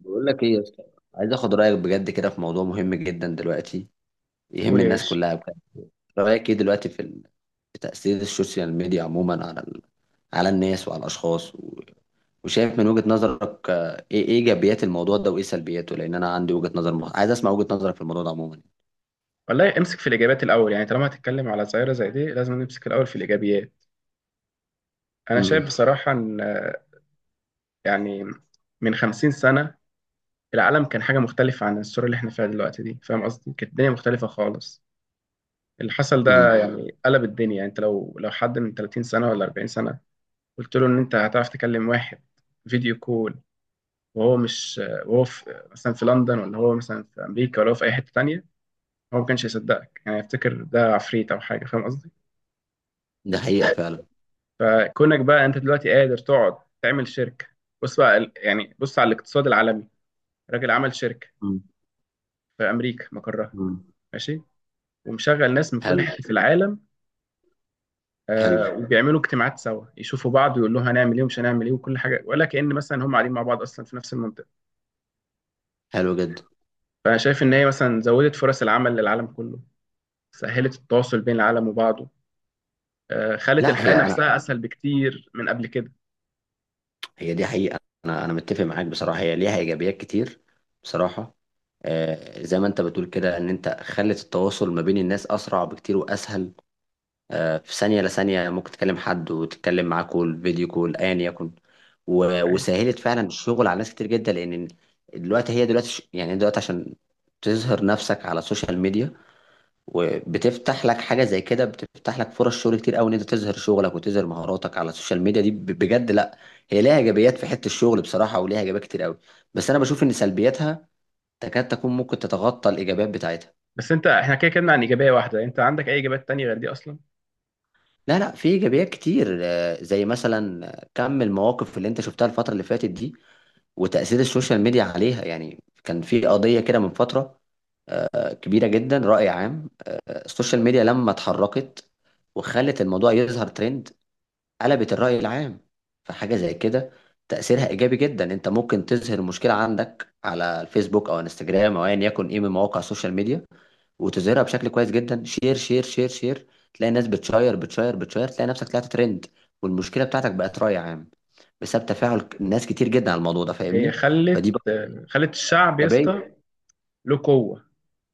بقول لك ايه يا اسطى؟ عايز اخد رايك بجد كده في موضوع مهم جدا دلوقتي، يهم قول يا الناس باشا. كلها بجد. رايك ايه دلوقتي في تاثير السوشيال ميديا عموما على الناس وعلى الاشخاص وشايف من وجهة نظرك، ايه ايجابيات الموضوع ده وايه سلبياته؟ لان انا عندي وجهة نظر عايز اسمع وجهة نظرك في الموضوع ده عموما. والله امسك في الاجابات الاول، يعني طالما هتتكلم على ظاهره زي دي لازم نمسك الاول في الايجابيات. انا شايف امم. بصراحه ان يعني من 50 سنه العالم كان حاجه مختلفه عن الصوره اللي احنا فيها دلوقتي دي، فاهم قصدي؟ كانت الدنيا مختلفه خالص. اللي حصل ده امم. يعني قلب الدنيا. يعني انت لو حد من 30 سنه ولا 40 سنه قلت له ان انت هتعرف تكلم واحد فيديو كول وهو مش وهو في مثلا في لندن ولا هو مثلا في امريكا ولا هو في اي حته تانيه، هو ما كانش هيصدقك، يعني يفتكر ده عفريت او حاجه، فاهم. ده حقيقة فعلا. فكونك بقى انت دلوقتي قادر تقعد تعمل شركه، بص بقى يعني بص على الاقتصاد العالمي. راجل عمل شركه امم. في امريكا مقرها، امم. ماشي، ومشغل ناس من كل حلو. حته في العالم. حلو. وبيعملوا اجتماعات سوا يشوفوا بعض ويقول له هنعمل ايه ومش هنعمل ايه وكل حاجه، ولا كأن مثلا هم قاعدين مع بعض اصلا في نفس المنطقه. حلو جدا. فانا شايف ان هي مثلا زودت فرص العمل للعالم كله، سهلت التواصل بين العالم وبعضه. خلت لا، الحياه هي نفسها اسهل بكتير من قبل كده. هي دي حقيقة. أنا متفق معاك بصراحة، هي ليها إيجابيات كتير بصراحة. آه، زي ما أنت بتقول كده إن أنت خلت التواصل ما بين الناس أسرع بكتير وأسهل. في ثانية لثانية ممكن تكلم حد وتتكلم معاه كول فيديو كول أيا يكن. و- يعني. وسهلت فعلا الشغل على ناس كتير جدا، لأن دلوقتي هي دلوقتي يعني دلوقتي عشان تظهر نفسك على السوشيال ميديا، وبتفتح لك حاجه زي كده، بتفتح لك فرص شغل كتير قوي ان انت تظهر شغلك وتظهر مهاراتك على السوشيال ميديا دي، بجد لا، هي ليها ايجابيات في حته الشغل بصراحه، وليها ايجابيات كتير قوي. بس انا بشوف ان سلبياتها تكاد تكون ممكن تتغطى الايجابيات بتاعتها. بس انت احنا كده كده عن ايجابيه واحده، انت عندك اي ايجابيات تانية غير دي اصلا؟ لا، لا، في ايجابيات كتير. زي مثلا كم المواقف اللي انت شفتها الفتره اللي فاتت دي وتاثير السوشيال ميديا عليها. يعني كان في قضيه كده من فتره، كبيره جدا، راي عام. السوشيال ميديا لما اتحركت وخلت الموضوع يظهر ترند، قلبت الرأي العام. فحاجة زي كده تأثيرها إيجابي جدا. أنت ممكن تظهر المشكلة عندك على الفيسبوك أو انستجرام أو أيا يكن إيه من مواقع السوشيال ميديا وتظهرها بشكل كويس جدا. شير شير شير شير، تلاقي الناس بتشير بتشير بتشير، تلاقي نفسك طلعت ترند والمشكلة بتاعتك بقت رأي عام، بسبب تفاعل ناس كتير جدا على الموضوع ده. هي فاهمني؟ خلت فدي بقى خلت الشعب يا اسطى إيجابية. له قوه،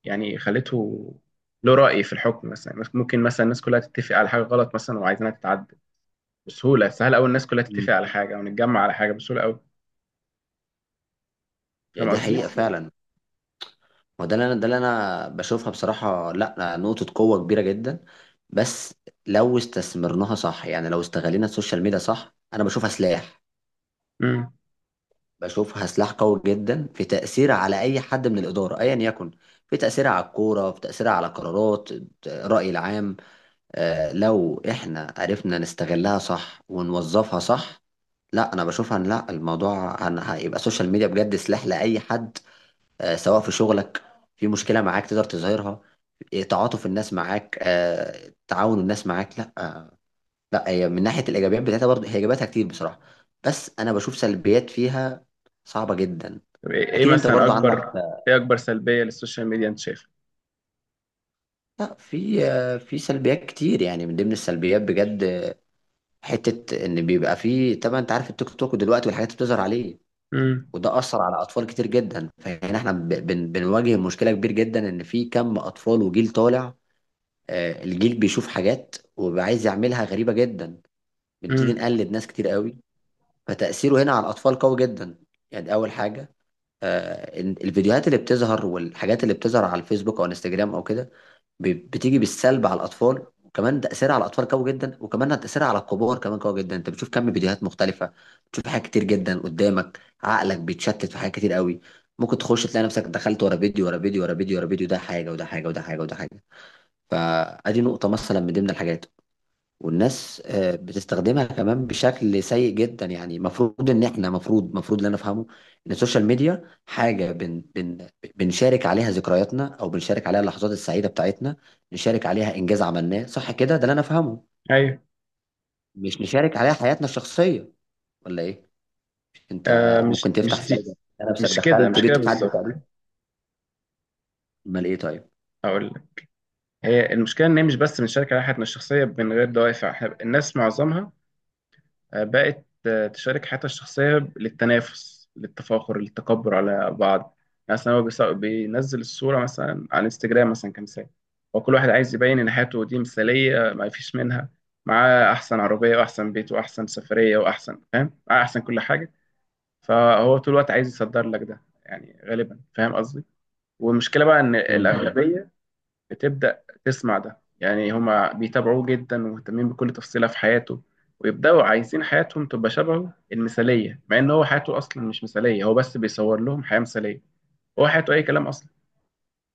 يعني خلته له راي في الحكم. مثلا ممكن مثلا الناس كلها تتفق على حاجه غلط مثلا وعايزينها تتعدل بسهوله. سهل قوي الناس كلها مم. تتفق على حاجه ونتجمع على حاجه بسهوله قوي. يعني فاهم دي قصدي؟ حقيقة فعلا. هو ده اللي انا بشوفها بصراحه، لا نقطه قوه كبيره جدا. بس لو استثمرناها صح، يعني لو استغلينا السوشيال ميديا صح، انا بشوفها سلاح. امم. بشوفها سلاح قوي جدا في تاثيرها على اي حد من الاداره ايا يكن، في تاثيرها على الكوره، في تاثيرها على قرارات الراي العام. لو احنا عرفنا نستغلها صح ونوظفها صح، لا انا بشوفها إن لا الموضوع هيبقى السوشيال ميديا بجد سلاح لاي حد. سواء في شغلك، في مشكلة معاك تقدر تظهرها، تعاطف الناس معاك، تعاون الناس معاك. لا، لا، هي من ناحية الإيجابيات بتاعتها برضه هي إيجابياتها كتير بصراحة. بس أنا بشوف سلبيات فيها صعبة جدا. طب، أكيد أنت برضه عندك. ايه اكبر سلبيه للسوشيال ميديا انت شايفها؟ لا، في في سلبيات كتير. يعني من ضمن السلبيات بجد حتة إن بيبقى في، طبعا أنت عارف التيك توك دلوقتي والحاجات اللي بتظهر عليه، امم. وده أثر على أطفال كتير جدا. فهنا إحنا بنواجه مشكلة كبير جدا، إن في كم أطفال وجيل طالع. الجيل بيشوف حاجات وبيبقى عايز يعملها غريبة جدا. بنبتدي امم. نقلد ناس كتير قوي. فتأثيره هنا على الأطفال قوي جدا. يعني دي أول حاجة. إن الفيديوهات اللي بتظهر والحاجات اللي بتظهر على الفيسبوك أو انستجرام أو كده بتيجي بالسلب على الأطفال. وكمان تأثيرها على الأطفال قوي جدا، وكمان تأثيرها على الكبار كمان قوي جدا. أنت بتشوف كم فيديوهات مختلفة، بتشوف حاجات كتير جدا قدامك، عقلك بيتشتت في حاجات كتير قوي. ممكن تخش تلاقي نفسك دخلت ورا فيديو ورا فيديو ورا فيديو ورا فيديو، ده حاجة وده حاجة وده حاجة وده حاجة. فأدي نقطة مثلا من ضمن الحاجات. والناس بتستخدمها كمان بشكل سيء جدا. يعني المفروض ان احنا مفروض اللي انا افهمه ان السوشيال ميديا حاجه بن بن بنشارك عليها ذكرياتنا، او بنشارك عليها اللحظات السعيده بتاعتنا، نشارك عليها انجاز عملناه صح كده. ده اللي انا افهمه، ايوه. مش نشارك عليها حياتنا الشخصيه. ولا ايه انت؟ آه، مش ممكن مش تفتح سلايد دي. تلاقي نفسك مش كده، دخلت مش كده بيت حد تقريبا. بالظبط. امال ايه طيب؟ هقول لك. هي المشكله ان هي مش بس بنشارك على حياتنا الشخصيه من غير دوافع، الناس معظمها بقت تشارك حياتها الشخصية للتنافس للتفاخر للتكبر على بعض. يعني مثلا هو بينزل الصورة مثلا على الانستجرام مثلا كمثال. هو كل واحد عايز يبين إن حياته دي مثالية ما فيش منها، معاه أحسن عربية وأحسن بيت وأحسن سفرية وأحسن فاهم، معاه أحسن كل حاجة. فهو طول الوقت عايز يصدر لك ده يعني غالبا، فاهم قصدي؟ والمشكلة بقى إن امم. الأغلبية بتبدأ تسمع ده، يعني هما بيتابعوه جدا ومهتمين بكل تفصيلة في حياته، ويبدأوا عايزين حياتهم تبقى شبهه المثالية مع إن هو حياته أصلا مش مثالية، هو بس بيصور لهم حياة مثالية. هو حياته أي كلام أصلا.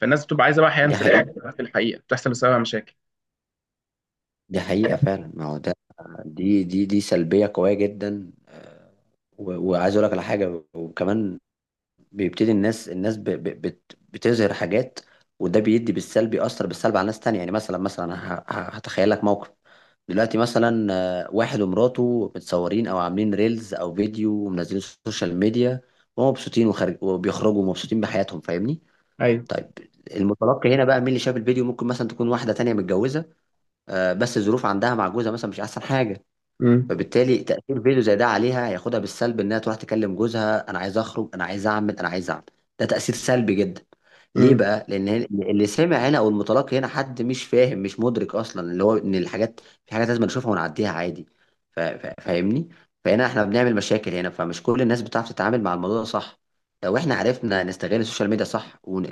فالناس بتبقى عايزة بقى حياة دي مثالية، حقيقة. في الحقيقة بتحصل بسببها مشاكل. دي حقيقة فعلا. ما هو ده، دي سلبية قوية جدا. و- وعايز اقول لك على حاجة وكمان بيبتدي الناس بتظهر حاجات، وده بيدي بالسلب، يأثر بالسلب على ناس تانية. يعني مثلا هتخيل لك موقف دلوقتي مثلا، واحد ومراته متصورين او عاملين ريلز او فيديو ومنزلين السوشيال ميديا ومبسوطين وخارج وبيخرجوا مبسوطين بحياتهم. فاهمني؟ أيوه. طيب، المتلقي هنا بقى مين اللي شاف الفيديو؟ ممكن مثلا تكون واحدة تانية متجوزة، بس الظروف عندها مع جوزها مثلا مش احسن حاجه. امم. فبالتالي تاثير فيديو زي ده عليها هياخدها بالسلب، انها تروح تكلم جوزها انا عايز اخرج، انا عايز اعمل، انا عايز اعمل. ده تاثير سلبي جدا. ليه امم. بقى؟ لان اللي سمع هنا او المتلقي هنا حد مش فاهم، مش مدرك اصلا اللي هو ان الحاجات، في حاجات لازم نشوفها ونعديها عادي. فاهمني؟ فهنا احنا بنعمل مشاكل هنا. فمش كل الناس بتعرف تتعامل مع الموضوع ده صح. لو احنا عرفنا نستغل السوشيال ميديا صح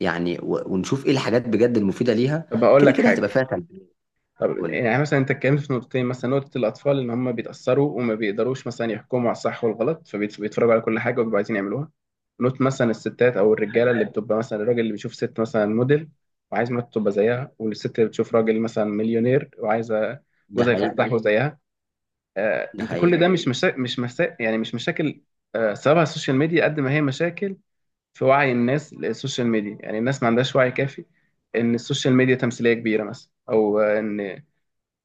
يعني ونشوف ايه الحاجات بجد المفيده ليها، طب أقول كده لك كده هتبقى فيها حاجة. طب سلبيات. يعني مثلا انت اتكلمت في نقطتين، مثلا نقطه الاطفال ان هم بيتاثروا وما بيقدروش مثلا يحكموا على الصح والغلط فبيتفرجوا على كل حاجه وبيبقوا عايزين يعملوها. نقطه مثلا الستات او ده الرجاله، حقيقي. اللي بتبقى مثلا الراجل اللي بيشوف ست مثلا موديل وعايز مراته تبقى زيها، والست اللي بتشوف راجل مثلا مليونير وعايزه ده جوزها حقيقي. يفسحه زيها. آه، ده انت كل حقيقي. ده مش مشا... مش مسا... يعني مش مشاكل. سببها السوشيال ميديا، قد ما هي مشاكل في وعي الناس للسوشيال ميديا. يعني الناس ما عندهاش وعي كافي ان السوشيال ميديا تمثيليه كبيره مثلا، او ان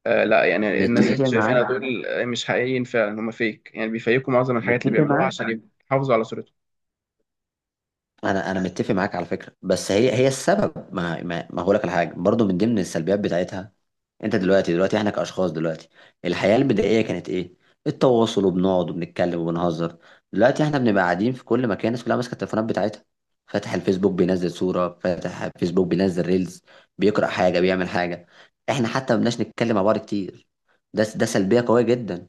لا، يعني الناس متفق اللي شايفينها معاك. دول مش حقيقيين فعلا، هم فيك، يعني بيفيكوا معظم الحاجات اللي متفق بيعملوها معاك. عشان يحافظوا على صورتهم. انا متفق معاك على فكره. بس هي هي السبب، ما هقول لك على حاجه برضو من ضمن السلبيات بتاعتها. انت دلوقتي دلوقتي احنا كاشخاص دلوقتي، الحياه البدائيه كانت ايه؟ التواصل، وبنقعد وبنتكلم وبنهزر. دلوقتي احنا بنبقى قاعدين في كل مكان، الناس كلها ماسكه التليفونات بتاعتها، فاتح الفيسبوك بينزل صوره، فاتح الفيسبوك بينزل ريلز، بيقرا حاجه، بيعمل حاجه. احنا حتى ما بناش نتكلم مع بعض كتير. ده ده سلبيه قويه جدا.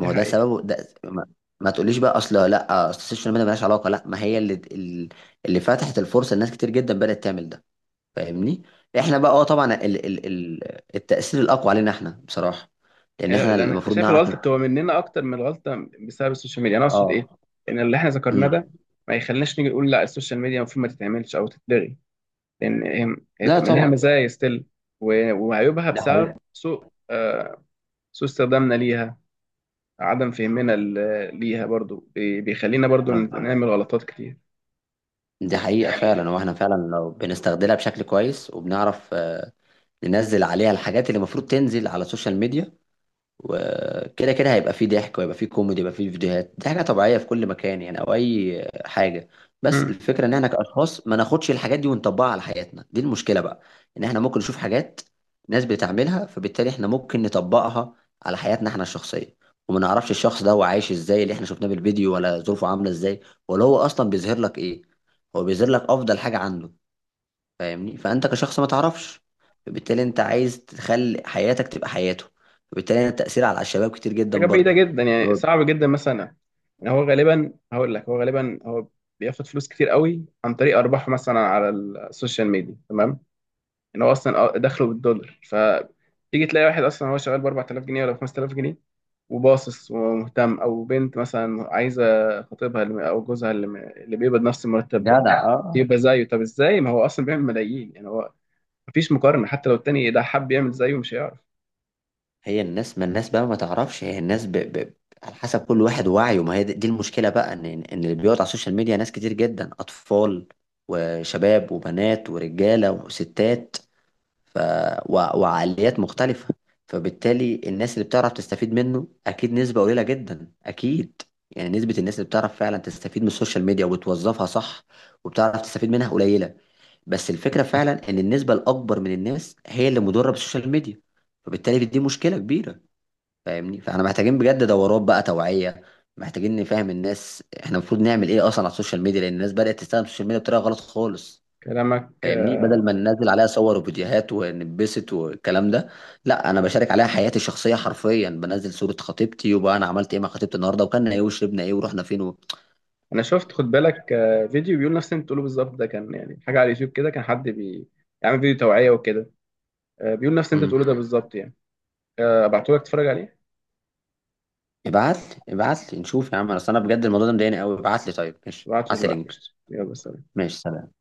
دي هو ده حقيقة. سببه ده، ما تقوليش بقى اصل لا، اصل السوشيال ميديا ملهاش علاقه. لا، ما هي اللي فتحت الفرصه لناس كتير جدا بدات تعمل ده. فاهمني؟ احنا بقى اه طبعا ال ال ال التاثير الاقوى علينا احنا بصراحه، لان يعني احنا اللي لأن المفروض شايف نعرف. الغلطة بتبقى مننا أكتر من الغلطة بسبب السوشيال ميديا. أنا أقصد إيه؟ اه. إن اللي إحنا ذكرناه امم. ده ما يخليناش نيجي نقول لا، السوشيال ميديا المفروض ما تتعملش أو تتلغي، لأن هي هي لا تبقى ليها طبعا. مزايا ستيل وعيوبها ده حقيقه. بسبب سوء سوء استخدامنا ليها. عدم فهمنا ليها برضو بيخلينا برضو نعمل غلطات كتير. دي حقيقه فعلا. واحنا فعلا لو بنستخدمها بشكل كويس وبنعرف ننزل عليها الحاجات اللي المفروض تنزل على السوشيال ميديا، وكده كده هيبقى فيه ضحك، وهيبقى فيه كوميدي، هيبقى فيه فيديوهات، دي حاجة طبيعية في كل مكان يعني أو أي حاجة. بس الفكرة إن إحنا كأشخاص ما ناخدش الحاجات دي ونطبقها على حياتنا. دي المشكلة بقى، إن إحنا ممكن نشوف حاجات ناس بتعملها، فبالتالي إحنا ممكن نطبقها على حياتنا إحنا الشخصية، وما نعرفش الشخص ده هو عايش إزاي، اللي إحنا شفناه بالفيديو، ولا ظروفه عاملة إزاي، ولا هو أصلا بيظهر لك إيه. هو بيظهر لك أفضل حاجة عنده. فاهمني؟ فانت كشخص ما تعرفش، فبالتالي انت عايز تخلي حياتك تبقى حياته. فبالتالي التأثير على الشباب كتير جدا حاجه بعيده برضو. جدا، اللي يعني هو صعب جدا مثلا. يعني هو غالبا هقول لك، هو غالبا هو بياخد فلوس كتير قوي عن طريق ارباح مثلا على السوشيال ميديا، تمام، ان هو اصلا دخله بالدولار. فتيجي تلاقي واحد اصلا هو شغال ب 4000 جنيه ولا ب 5000 جنيه وباصص ومهتم، او بنت مثلا عايزه خطيبها او جوزها اللي بيقبض نفس المرتب ده جدع. اه. يبقى زيه. طب ازاي، ما هو اصلا بيعمل ملايين، يعني هو مفيش مقارنه، حتى لو التاني ده حب يعمل زيه مش هيعرف. هي الناس، ما الناس بقى ما تعرفش، هي الناس على حسب كل واحد وعيه. ما هي دي المشكلة بقى، ان اللي بيقعد على السوشيال ميديا ناس كتير جدا، اطفال وشباب وبنات ورجالة وستات. ف... وعقليات مختلفة. فبالتالي الناس اللي بتعرف تستفيد منه أكيد نسبة قليلة جدا أكيد. يعني نسبة الناس اللي بتعرف فعلا تستفيد من السوشيال ميديا وبتوظفها صح وبتعرف تستفيد منها قليلة. بس الفكرة فعلا إن النسبة الأكبر من الناس هي اللي مضرة بالسوشيال ميديا. فبالتالي دي مشكلة كبيرة. فاهمني؟ فاحنا محتاجين بجد دورات بقى توعية، محتاجين نفهم الناس احنا المفروض نعمل ايه اصلا على السوشيال ميديا. لان الناس بدأت تستخدم السوشيال ميديا بطريقة غلط خالص. كلامك. فاهمني؟ بدل ما ننزل عليها صور وفيديوهات ونتبسط والكلام ده، لا انا بشارك عليها حياتي الشخصيه حرفيا، بنزل صوره خطيبتي وبقى انا عملت ايه مع خطيبتي النهارده وكلنا ايه وشربنا ايه ورحنا فين انا شفت خد بالك فيديو بيقول نفس اللي انت بتقوله بالظبط، ده كان يعني حاجه على اليوتيوب كده، كان حد يعمل فيديو توعيه وكده، بيقول نفس اللي انت مم. بتقوله ده بالظبط يعني. ابعته لك تتفرج عليه. ابعت ابعت لي، نشوف يا عم، اصل انا بجد الموضوع ده مضايقني قوي. ابعت لي، طيب ماشي، ابعته ابعت لي دلوقتي لينك. قشطة. يلا سلام. ماشي سلام.